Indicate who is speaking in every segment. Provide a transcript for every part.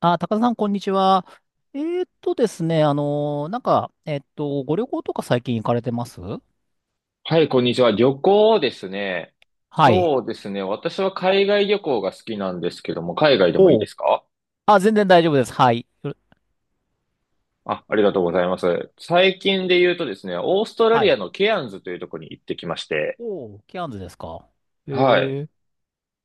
Speaker 1: あ、高田さん、こんにちは。ですね、ご旅行とか最近行かれてます？
Speaker 2: はい、こんにちは。旅行ですね。
Speaker 1: はい。
Speaker 2: そうですね。私は海外旅行が好きなんですけども、海外でもいい
Speaker 1: お
Speaker 2: で
Speaker 1: う。
Speaker 2: すか？
Speaker 1: あ、全然大丈夫です。はい。よ
Speaker 2: あ、ありがとうございます。最近で言うとですね、オーストラ
Speaker 1: は
Speaker 2: リア
Speaker 1: い。
Speaker 2: のケアンズというところに行ってきまして、
Speaker 1: おう、ケアンズですか。え
Speaker 2: はい。
Speaker 1: ー、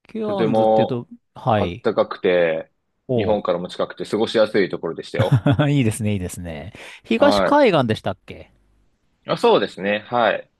Speaker 1: ケ
Speaker 2: と
Speaker 1: ア
Speaker 2: て
Speaker 1: ンズっていう
Speaker 2: も
Speaker 1: と、は
Speaker 2: 暖
Speaker 1: い。
Speaker 2: かくて、日
Speaker 1: お
Speaker 2: 本
Speaker 1: う。
Speaker 2: からも近くて過ごしやすいところでしたよ。
Speaker 1: いいですね、いいですね。東
Speaker 2: は
Speaker 1: 海岸でしたっけ？
Speaker 2: い。あ、そうですね。はい。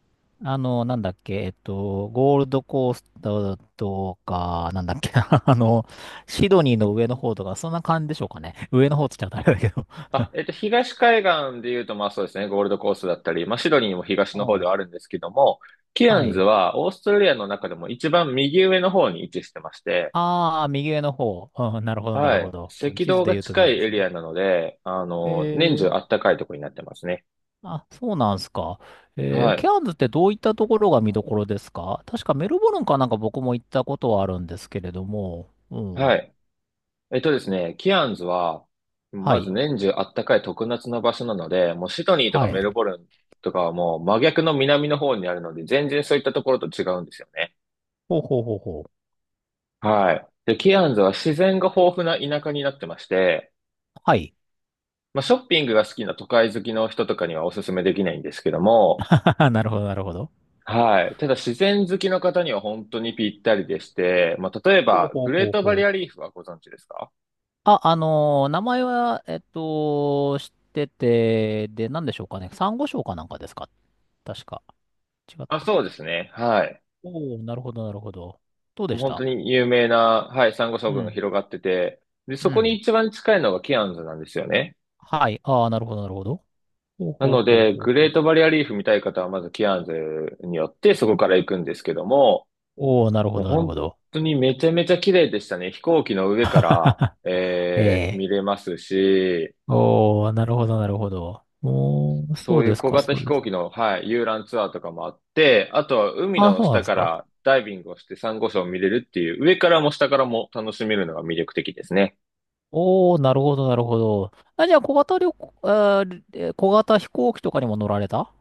Speaker 1: なんだっけ、ゴールドコーストとか、なんだっけ、シドニーの上の方とか、そんな感じでしょうかね。上の方って言っちゃうとあれだけど。
Speaker 2: あ、東海岸で言うと、まあそうですね、ゴールドコーストだったり、まあシドニーも東
Speaker 1: う
Speaker 2: の方で
Speaker 1: ん。
Speaker 2: はあるんですけども、ケア
Speaker 1: は
Speaker 2: ンズ
Speaker 1: い。
Speaker 2: はオーストラリアの中でも一番右上の方に位置してまして、
Speaker 1: ああ、右上の方。うん、なるほど、なる
Speaker 2: は
Speaker 1: ほ
Speaker 2: い、
Speaker 1: ど。うん、
Speaker 2: 赤
Speaker 1: 地図
Speaker 2: 道
Speaker 1: で
Speaker 2: が
Speaker 1: 言うと
Speaker 2: 近
Speaker 1: 右上
Speaker 2: い
Speaker 1: です
Speaker 2: エリ
Speaker 1: ね。
Speaker 2: アなので、年中
Speaker 1: ええ、
Speaker 2: あったかいところになってますね。
Speaker 1: あ、そうなんすか。
Speaker 2: は
Speaker 1: ケ
Speaker 2: い、
Speaker 1: アンズってどういったところが見どころですか？確かメルボルンかなんか僕も行ったことはあるんですけれども。う
Speaker 2: は
Speaker 1: ん。
Speaker 2: い。えっとですね、キアンズは、
Speaker 1: は
Speaker 2: まず
Speaker 1: い。
Speaker 2: 年中あったかい特夏の場所なので、もうシドニーと
Speaker 1: は
Speaker 2: か
Speaker 1: い。
Speaker 2: メルボルンとかはもう真逆の南の方にあるので、全然そういったところと違うんですよね。
Speaker 1: ほうほうほうほう。
Speaker 2: はい。で、キアンズは自然が豊富な田舎になってまして、
Speaker 1: はい。
Speaker 2: まあ、ショッピングが好きな都会好きの人とかにはおすすめできないんですけども、
Speaker 1: なるほど、なるほど。
Speaker 2: はい。ただ自然好きの方には本当にぴったりでして、まあ、例え
Speaker 1: ほう
Speaker 2: ば、
Speaker 1: ほ
Speaker 2: グ
Speaker 1: う
Speaker 2: レ
Speaker 1: ほ
Speaker 2: ー
Speaker 1: う
Speaker 2: トバ
Speaker 1: ほ
Speaker 2: リ
Speaker 1: う。
Speaker 2: アリーフはご存知ですか？
Speaker 1: あ、名前は、知ってて、で、なんでしょうかね。サンゴ礁かなんかですか？確か。違っ
Speaker 2: あ、
Speaker 1: たっ
Speaker 2: そうで
Speaker 1: け？
Speaker 2: すね。はい。
Speaker 1: おおー、なるほど、なるほど。どうで
Speaker 2: もう
Speaker 1: し
Speaker 2: 本当
Speaker 1: た？
Speaker 2: に有名な、はい、サンゴ礁
Speaker 1: う
Speaker 2: 群が
Speaker 1: ん。
Speaker 2: 広がってて、で、そ
Speaker 1: う
Speaker 2: こに
Speaker 1: ん。
Speaker 2: 一番近いのがキアンズなんですよね。
Speaker 1: はい。ああ、なるほど、なるほど。ほう
Speaker 2: な
Speaker 1: ほ
Speaker 2: の
Speaker 1: うほう
Speaker 2: で、
Speaker 1: ほう
Speaker 2: グ
Speaker 1: ほ
Speaker 2: レ
Speaker 1: う。
Speaker 2: ートバリアリーフ見たい方は、まずキアンズによってそこから行くんですけども、
Speaker 1: おお、なるほ
Speaker 2: もう
Speaker 1: ど、なるほ
Speaker 2: 本
Speaker 1: ど。
Speaker 2: 当にめちゃめちゃ綺麗でしたね。飛行機の上から、
Speaker 1: ええ。
Speaker 2: 見れますし、
Speaker 1: おお、なるほど、なるほど。おお、
Speaker 2: そ
Speaker 1: そう
Speaker 2: うい
Speaker 1: で
Speaker 2: う
Speaker 1: す
Speaker 2: 小
Speaker 1: か、
Speaker 2: 型
Speaker 1: そ
Speaker 2: 飛
Speaker 1: うです
Speaker 2: 行
Speaker 1: か。
Speaker 2: 機の、はい、遊覧ツアーとかもあって、あとは海
Speaker 1: あ、
Speaker 2: の
Speaker 1: そうなん
Speaker 2: 下
Speaker 1: です
Speaker 2: か
Speaker 1: か。
Speaker 2: らダイビングをしてサンゴ礁を見れるっていう、上からも下からも楽しめるのが魅力的ですね。
Speaker 1: おお、なるほど、なるほど。あ、じゃあ、小型旅行、あー、え小型飛行機とかにも乗られた？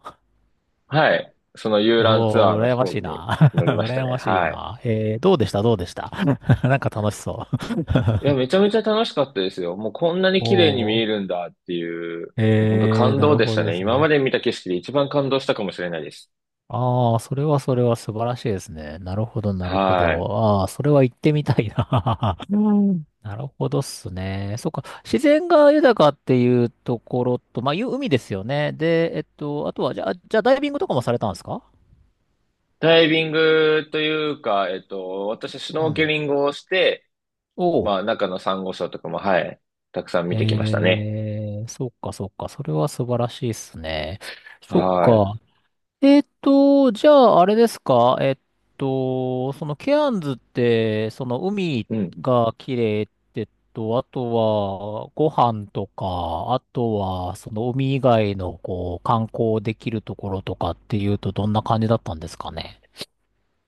Speaker 2: はい。その遊覧ツ
Speaker 1: お
Speaker 2: アー
Speaker 1: おー、
Speaker 2: の
Speaker 1: 羨
Speaker 2: 飛
Speaker 1: ま
Speaker 2: 行
Speaker 1: しい
Speaker 2: 機に
Speaker 1: な。
Speaker 2: 乗りました
Speaker 1: 羨
Speaker 2: ね。
Speaker 1: ましい
Speaker 2: はい。
Speaker 1: な。どうでした、どうでした。なんか楽しそう。
Speaker 2: いや、めちゃめちゃ楽しかったですよ。もうこんなに
Speaker 1: お
Speaker 2: 綺麗に見
Speaker 1: お、
Speaker 2: えるんだっていう、もう本当
Speaker 1: ええ、
Speaker 2: 感
Speaker 1: な
Speaker 2: 動
Speaker 1: る
Speaker 2: でし
Speaker 1: ほ
Speaker 2: た
Speaker 1: どで
Speaker 2: ね。
Speaker 1: す
Speaker 2: 今ま
Speaker 1: ね。
Speaker 2: で見た景色で一番感動したかもしれないです。
Speaker 1: ああ、それはそれは素晴らしいですね。なるほど、なるほ
Speaker 2: はい。
Speaker 1: ど。ああ、それは行ってみたいな。うん、なるほどっすね。そっか。自然が豊かっていうところと、まあ、いう海ですよね。で、あとは、じゃあ、ダイビングとかもされたんですか？
Speaker 2: ダイビングというか、私はシュ
Speaker 1: う
Speaker 2: ノーケ
Speaker 1: ん。
Speaker 2: リングをして、
Speaker 1: おう。
Speaker 2: まあ、中のサンゴ礁とかも、はい、たくさん見てきましたね。
Speaker 1: そっかそっか。それは素晴らしいっすね。そっ
Speaker 2: は
Speaker 1: か。じゃあ、あれですか？そのケアンズって、その海
Speaker 2: い。うん。
Speaker 1: が綺麗ってと、あとはご飯とか、あとはその海以外のこう観光できるところとかっていうとどんな感じだったんですかね？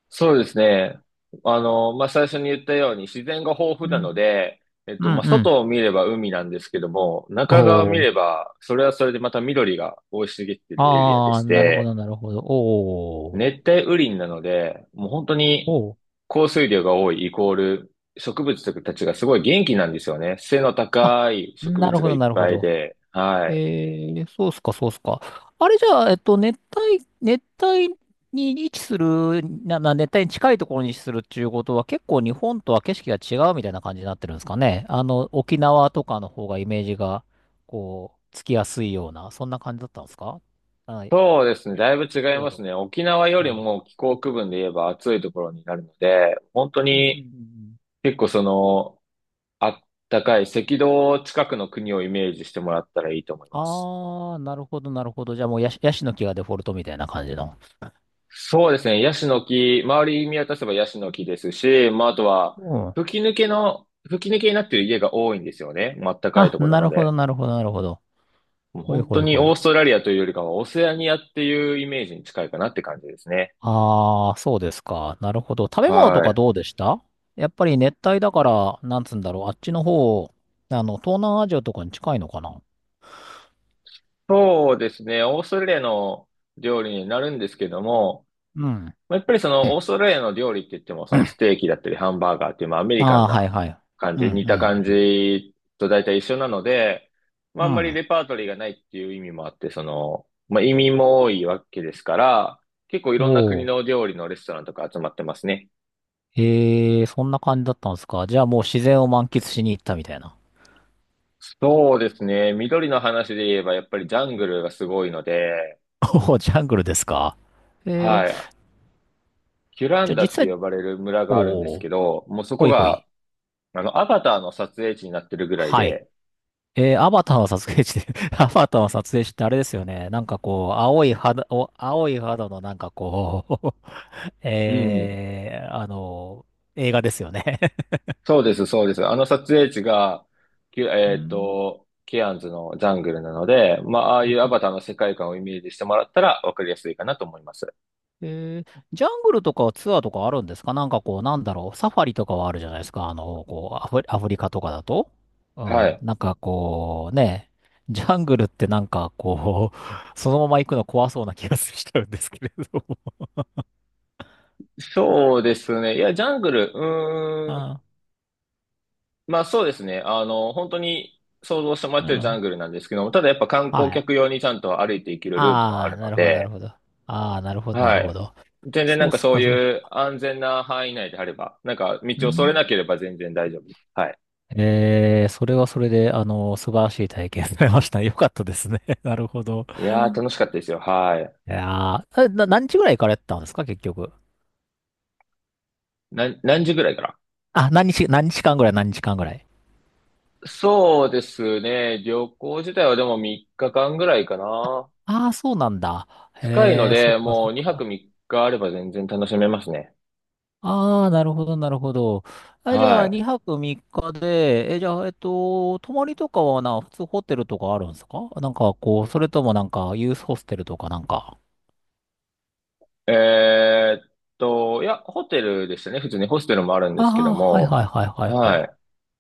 Speaker 2: そうですね。まあ、最初に言ったように自然が豊富
Speaker 1: う
Speaker 2: な
Speaker 1: ん、
Speaker 2: ので、
Speaker 1: うん
Speaker 2: まあ、
Speaker 1: うん。
Speaker 2: 外を見れば海なんですけども、中側を見
Speaker 1: おー。
Speaker 2: れば、それはそれでまた緑が生い茂っているエリアで
Speaker 1: あ
Speaker 2: し
Speaker 1: ー、なるほ
Speaker 2: て、
Speaker 1: ど、なるほど。おー。
Speaker 2: 熱帯雨林なので、もう本当に
Speaker 1: おー。
Speaker 2: 降水量が多いイコール植物たちがすごい元気なんですよね。背の
Speaker 1: あ、
Speaker 2: 高い植
Speaker 1: なる
Speaker 2: 物
Speaker 1: ほ
Speaker 2: がい
Speaker 1: ど、
Speaker 2: っ
Speaker 1: なるほ
Speaker 2: ぱい
Speaker 1: ど。
Speaker 2: で。はい。
Speaker 1: そうっすか、そうっすか。あれじゃあ、熱帯に位置する、まあ、熱帯に近いところに位置するっていうことは、結構日本とは景色が違うみたいな感じになってるんですかね。沖縄とかの方がイメージが、こう、つきやすいような、そんな感じだったんですか？はい。
Speaker 2: そうですね。
Speaker 1: ひ
Speaker 2: だいぶ違いま
Speaker 1: と
Speaker 2: す
Speaker 1: か。
Speaker 2: ね。沖縄より
Speaker 1: ああ。
Speaker 2: も気候区分で言えば暑いところになるので、本当
Speaker 1: うんうんうんう
Speaker 2: に
Speaker 1: ん。
Speaker 2: 結構その、あったかい赤道近くの国をイメージしてもらったらいいと思います。
Speaker 1: ああ、なるほど、なるほど。じゃあもうヤシの木がデフォルトみたいな感じの。
Speaker 2: そうですね。ヤシの木、周り見渡せばヤシの木ですし、まあ、あとは、
Speaker 1: うん。
Speaker 2: 吹き抜けになっている家が多いんですよね。まあっかい
Speaker 1: あ、
Speaker 2: ところ
Speaker 1: な
Speaker 2: なの
Speaker 1: るほど、
Speaker 2: で。
Speaker 1: なるほど、なるほど。
Speaker 2: もう
Speaker 1: ほい
Speaker 2: 本
Speaker 1: ほ
Speaker 2: 当
Speaker 1: い
Speaker 2: に
Speaker 1: ほ
Speaker 2: オ
Speaker 1: い。
Speaker 2: ーストラリアというよりかは、オセアニアっていうイメージに近いかなって感じですね。
Speaker 1: ああ、そうですか。なるほど。食べ物と
Speaker 2: は
Speaker 1: か
Speaker 2: い。
Speaker 1: どうでした？やっぱり熱帯だから、なんつうんだろう。あっちの方、東南アジアとかに近いのかな？
Speaker 2: そうですね。オーストラリアの料理になるんですけども、
Speaker 1: うん。
Speaker 2: まあ、やっぱりそのオーストラリアの料理って言っても、そのステーキだったりハンバーガーっていう、まあアメリカ
Speaker 1: あ
Speaker 2: ン
Speaker 1: あ、は
Speaker 2: な
Speaker 1: いはい。
Speaker 2: 感
Speaker 1: うん、
Speaker 2: じ、
Speaker 1: う
Speaker 2: 似た感
Speaker 1: ん、
Speaker 2: じと大体一緒なので、まあ
Speaker 1: う
Speaker 2: あん
Speaker 1: ん。う
Speaker 2: まり
Speaker 1: ん。
Speaker 2: レパートリーがないっていう意味もあって、その、まあ移民も多いわけですから、結構い
Speaker 1: お
Speaker 2: ろんな国
Speaker 1: お。
Speaker 2: の料理のレストランとか集まってますね。
Speaker 1: ええ、そんな感じだったんですか？じゃあもう自然を満喫しに行ったみたいな。
Speaker 2: そうですね。緑の話で言えば、やっぱりジャングルがすごいので、
Speaker 1: おお、ジャングルですか。え
Speaker 2: は
Speaker 1: え、
Speaker 2: い。キュラ
Speaker 1: じゃ
Speaker 2: ン
Speaker 1: あ
Speaker 2: ダ
Speaker 1: 実
Speaker 2: って
Speaker 1: 際、
Speaker 2: 呼ばれる村があるんです
Speaker 1: お
Speaker 2: け
Speaker 1: お、
Speaker 2: ど、もうそ
Speaker 1: ほ
Speaker 2: こ
Speaker 1: いほ
Speaker 2: が、
Speaker 1: い。
Speaker 2: アバターの撮影地になってるぐらい
Speaker 1: はい。
Speaker 2: で、
Speaker 1: アバターの撮影地で？ アバターの撮影地ってあれですよね。なんかこう、青い肌のなんかこう、
Speaker 2: うん。
Speaker 1: えーあの、映画ですよね？
Speaker 2: そうです、そうです。あの撮影地が、きゅ
Speaker 1: う
Speaker 2: えっ
Speaker 1: ん。
Speaker 2: と、ケアンズのジャングルなので、まあ、ああ
Speaker 1: う
Speaker 2: い
Speaker 1: ん
Speaker 2: うア
Speaker 1: うん。
Speaker 2: バターの世界観をイメージしてもらったらわかりやすいかなと思います。
Speaker 1: えージャングルとかツアーとかあるんですか？なんかこう、なんだろう、サファリとかはあるじゃないですか。こう、アフリカとかだと。う
Speaker 2: は
Speaker 1: ん、
Speaker 2: い。
Speaker 1: なんかこう、ね、ジャングルってなんかこう、そのまま行くの怖そうな気がしちゃうんですけれども。
Speaker 2: そうですね。いや、ジャングル、うーん。まあそうですね。本当に想像してもら
Speaker 1: う
Speaker 2: っ
Speaker 1: ん、う
Speaker 2: てるジャ
Speaker 1: ん。
Speaker 2: ングルなんですけども、ただやっぱ観
Speaker 1: は
Speaker 2: 光
Speaker 1: い。
Speaker 2: 客用にちゃんと歩いていけるルートはあ
Speaker 1: ああ、
Speaker 2: る
Speaker 1: な
Speaker 2: の
Speaker 1: るほど、なる
Speaker 2: で、
Speaker 1: ほど。ああ、なるほど、な
Speaker 2: は
Speaker 1: るほ
Speaker 2: い。
Speaker 1: ど。
Speaker 2: 全然
Speaker 1: そ
Speaker 2: な
Speaker 1: う
Speaker 2: ん
Speaker 1: っ
Speaker 2: か
Speaker 1: す
Speaker 2: そ
Speaker 1: か、
Speaker 2: うい
Speaker 1: そう。
Speaker 2: う安全な範囲内であれば、なんか
Speaker 1: う
Speaker 2: 道をそれ
Speaker 1: ん。
Speaker 2: なければ全然大丈夫です。はい。
Speaker 1: ええ、それはそれで、素晴らしい体験されました。よかったですね。なるほど。
Speaker 2: いやー楽しかったですよ。はい。
Speaker 1: いやー、何日ぐらい行かれてたんですか、結局。
Speaker 2: 何時ぐらいから？
Speaker 1: あ、何日間ぐらい。
Speaker 2: そうですね。旅行自体はでも3日間ぐらいかな。
Speaker 1: ああ、そうなんだ。
Speaker 2: 近いの
Speaker 1: へえ、そっ
Speaker 2: で、
Speaker 1: か、そ
Speaker 2: も
Speaker 1: っ
Speaker 2: う2泊
Speaker 1: か。
Speaker 2: 3日あれば全然楽しめますね。
Speaker 1: ああ、なるほど、なるほど。あ、じゃあ、
Speaker 2: は
Speaker 1: 2泊3日で、じゃあ、泊まりとかはな、普通ホテルとかあるんですか？なんか、こう、それともなんか、ユースホステルとかなんか。
Speaker 2: い。えーっと、いや、ホテルでしたね。普通にホステルもあるん
Speaker 1: あ
Speaker 2: ですけど
Speaker 1: あ、はい
Speaker 2: も。
Speaker 1: はいはいはいは
Speaker 2: は
Speaker 1: い。
Speaker 2: い。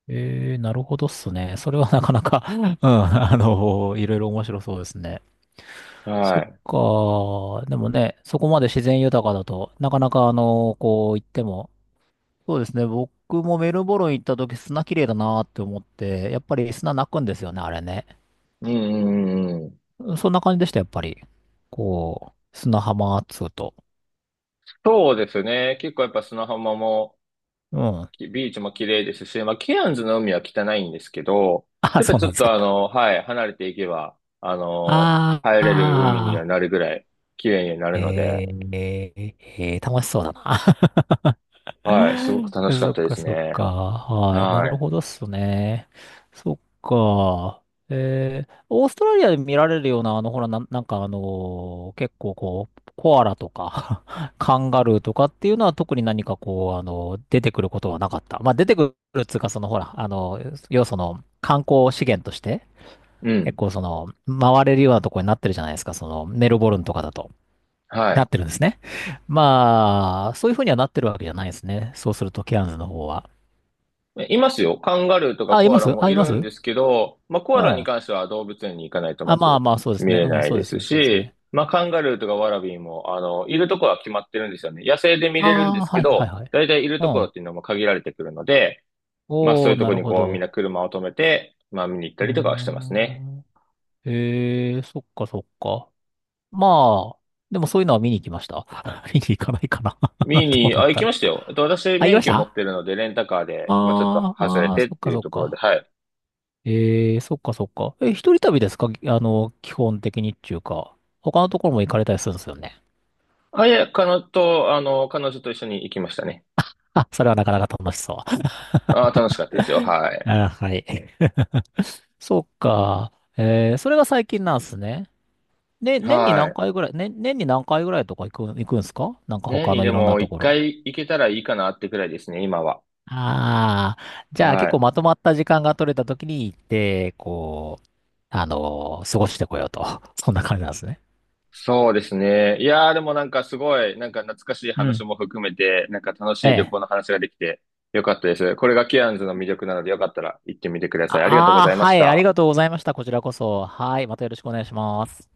Speaker 1: ええ、なるほどっすね。それはなかなか、うん、いろいろ面白そうですね。そ
Speaker 2: はい。
Speaker 1: っか。でもね、そこまで自然豊かだとなかなか、こう行っても。そうですね。僕もメルボルン行った時砂綺麗だなって思って、やっぱり砂泣くんですよね、あれね。
Speaker 2: うんうんうんうん。
Speaker 1: そんな感じでした、やっぱり。こう、砂浜っつうと。
Speaker 2: そうですね。結構やっぱ砂浜も、
Speaker 1: うん。
Speaker 2: きビーチも綺麗ですし、まあ、ケアンズの海は汚いんですけど、
Speaker 1: あ、
Speaker 2: ただ
Speaker 1: そう
Speaker 2: ち
Speaker 1: な
Speaker 2: ょ
Speaker 1: ん
Speaker 2: っ
Speaker 1: です
Speaker 2: とあ
Speaker 1: か。
Speaker 2: の、はい、離れていけば、あの、
Speaker 1: あ
Speaker 2: 入
Speaker 1: あ、
Speaker 2: れる海には
Speaker 1: あ
Speaker 2: な
Speaker 1: あ。
Speaker 2: るぐらい綺麗になるので、
Speaker 1: 楽しそうだな。
Speaker 2: はい、すごく 楽しか
Speaker 1: そ
Speaker 2: っ
Speaker 1: っ
Speaker 2: たで
Speaker 1: か
Speaker 2: す
Speaker 1: そっ
Speaker 2: ね。
Speaker 1: か。はい。な
Speaker 2: は
Speaker 1: る
Speaker 2: い。
Speaker 1: ほどっすね。そっか。オーストラリアで見られるような、ほら、なんか結構こう、コアラとか カンガルーとかっていうのは特に何かこう、あの出てくることはなかった。まあ、出てくるっつうか、そのほら、要はその、観光資源として、
Speaker 2: う
Speaker 1: 結
Speaker 2: ん。
Speaker 1: 構その、回れるようなとこになってるじゃないですか、その、メルボルンとかだと。
Speaker 2: は
Speaker 1: な
Speaker 2: い。
Speaker 1: ってるんですね。まあ、そういう風にはなってるわけじゃないですね。そうすると、ケアンズの方は。
Speaker 2: いますよ。カンガルーとか
Speaker 1: あ、い
Speaker 2: コア
Speaker 1: ま
Speaker 2: ラ
Speaker 1: す
Speaker 2: も
Speaker 1: あ、い
Speaker 2: い
Speaker 1: ま
Speaker 2: るん
Speaker 1: す。
Speaker 2: ですけど、まあ、コア
Speaker 1: う
Speaker 2: ラに
Speaker 1: ん。
Speaker 2: 関しては動物園に行かないと
Speaker 1: あ、
Speaker 2: ま
Speaker 1: まあ
Speaker 2: ず
Speaker 1: まあ、そうです
Speaker 2: 見
Speaker 1: ね。
Speaker 2: れ
Speaker 1: うん、
Speaker 2: ない
Speaker 1: そう
Speaker 2: で
Speaker 1: です
Speaker 2: す
Speaker 1: ね、そうですね。
Speaker 2: し、まあ、カンガルーとかワラビーも、いるところは決まってるんですよね。野生で見れるんで
Speaker 1: ああ、
Speaker 2: すけ
Speaker 1: はいはい
Speaker 2: ど、
Speaker 1: はい。
Speaker 2: だいたいいる
Speaker 1: う
Speaker 2: ところ
Speaker 1: ん。
Speaker 2: っていうのも限られてくるので、まあそう
Speaker 1: お
Speaker 2: い
Speaker 1: ー、
Speaker 2: うと
Speaker 1: な
Speaker 2: こ
Speaker 1: る
Speaker 2: に
Speaker 1: ほ
Speaker 2: こうみんな
Speaker 1: ど。
Speaker 2: 車を止めて、まあ見に行っ
Speaker 1: う
Speaker 2: た
Speaker 1: ー
Speaker 2: りとかはしてますね。
Speaker 1: ん。へえ、そっかそっか。まあ、でもそういうのは見に行きました？見に行かないかな。ど
Speaker 2: 見に、
Speaker 1: うな
Speaker 2: あ、
Speaker 1: ん
Speaker 2: 行
Speaker 1: だ
Speaker 2: き
Speaker 1: ろ
Speaker 2: ま
Speaker 1: う。
Speaker 2: したよ。私
Speaker 1: あ、行き
Speaker 2: 免
Speaker 1: まし
Speaker 2: 許持っ
Speaker 1: た？
Speaker 2: てるので、レンタカーで、まあちょっと
Speaker 1: ああ
Speaker 2: 外れ
Speaker 1: ー、あー
Speaker 2: てっ
Speaker 1: そっ
Speaker 2: て
Speaker 1: か
Speaker 2: いう
Speaker 1: そっ
Speaker 2: ところで、
Speaker 1: か。
Speaker 2: はい。
Speaker 1: ええーそっかそっか。え、一人旅ですか？基本的にっていうか、他のところも行かれたりするんですよね。
Speaker 2: 彼女と一緒に行きましたね。
Speaker 1: あ、それはなかなか楽しそう。
Speaker 2: あ、楽しかったですよ。は い。
Speaker 1: あ、はい。そっか。それが最近なんですね。
Speaker 2: はい。
Speaker 1: ね、年に何回ぐらいとか行くんですか？なんか
Speaker 2: 年
Speaker 1: 他
Speaker 2: に
Speaker 1: の
Speaker 2: で
Speaker 1: いろんな
Speaker 2: も
Speaker 1: と
Speaker 2: 一
Speaker 1: ころ。
Speaker 2: 回行けたらいいかなってくらいですね、今は。
Speaker 1: ああ、じゃあ
Speaker 2: は
Speaker 1: 結構
Speaker 2: い。
Speaker 1: まとまった時間が取れた時に行って、こう、過ごしてこようと。そんな感じなんですね。
Speaker 2: そうですね。いやー、でもなんかすごい、なんか懐かしい
Speaker 1: う
Speaker 2: 話
Speaker 1: ん。
Speaker 2: も含めて、なんか楽し
Speaker 1: え
Speaker 2: い旅
Speaker 1: え。
Speaker 2: 行の話ができてよかったです。これがケアンズの魅力なのでよかったら行ってみてください。ありがとうご
Speaker 1: ああー、
Speaker 2: ざいま
Speaker 1: は
Speaker 2: し
Speaker 1: い、あり
Speaker 2: た。
Speaker 1: がとうございました。こちらこそ。はい、またよろしくお願いします。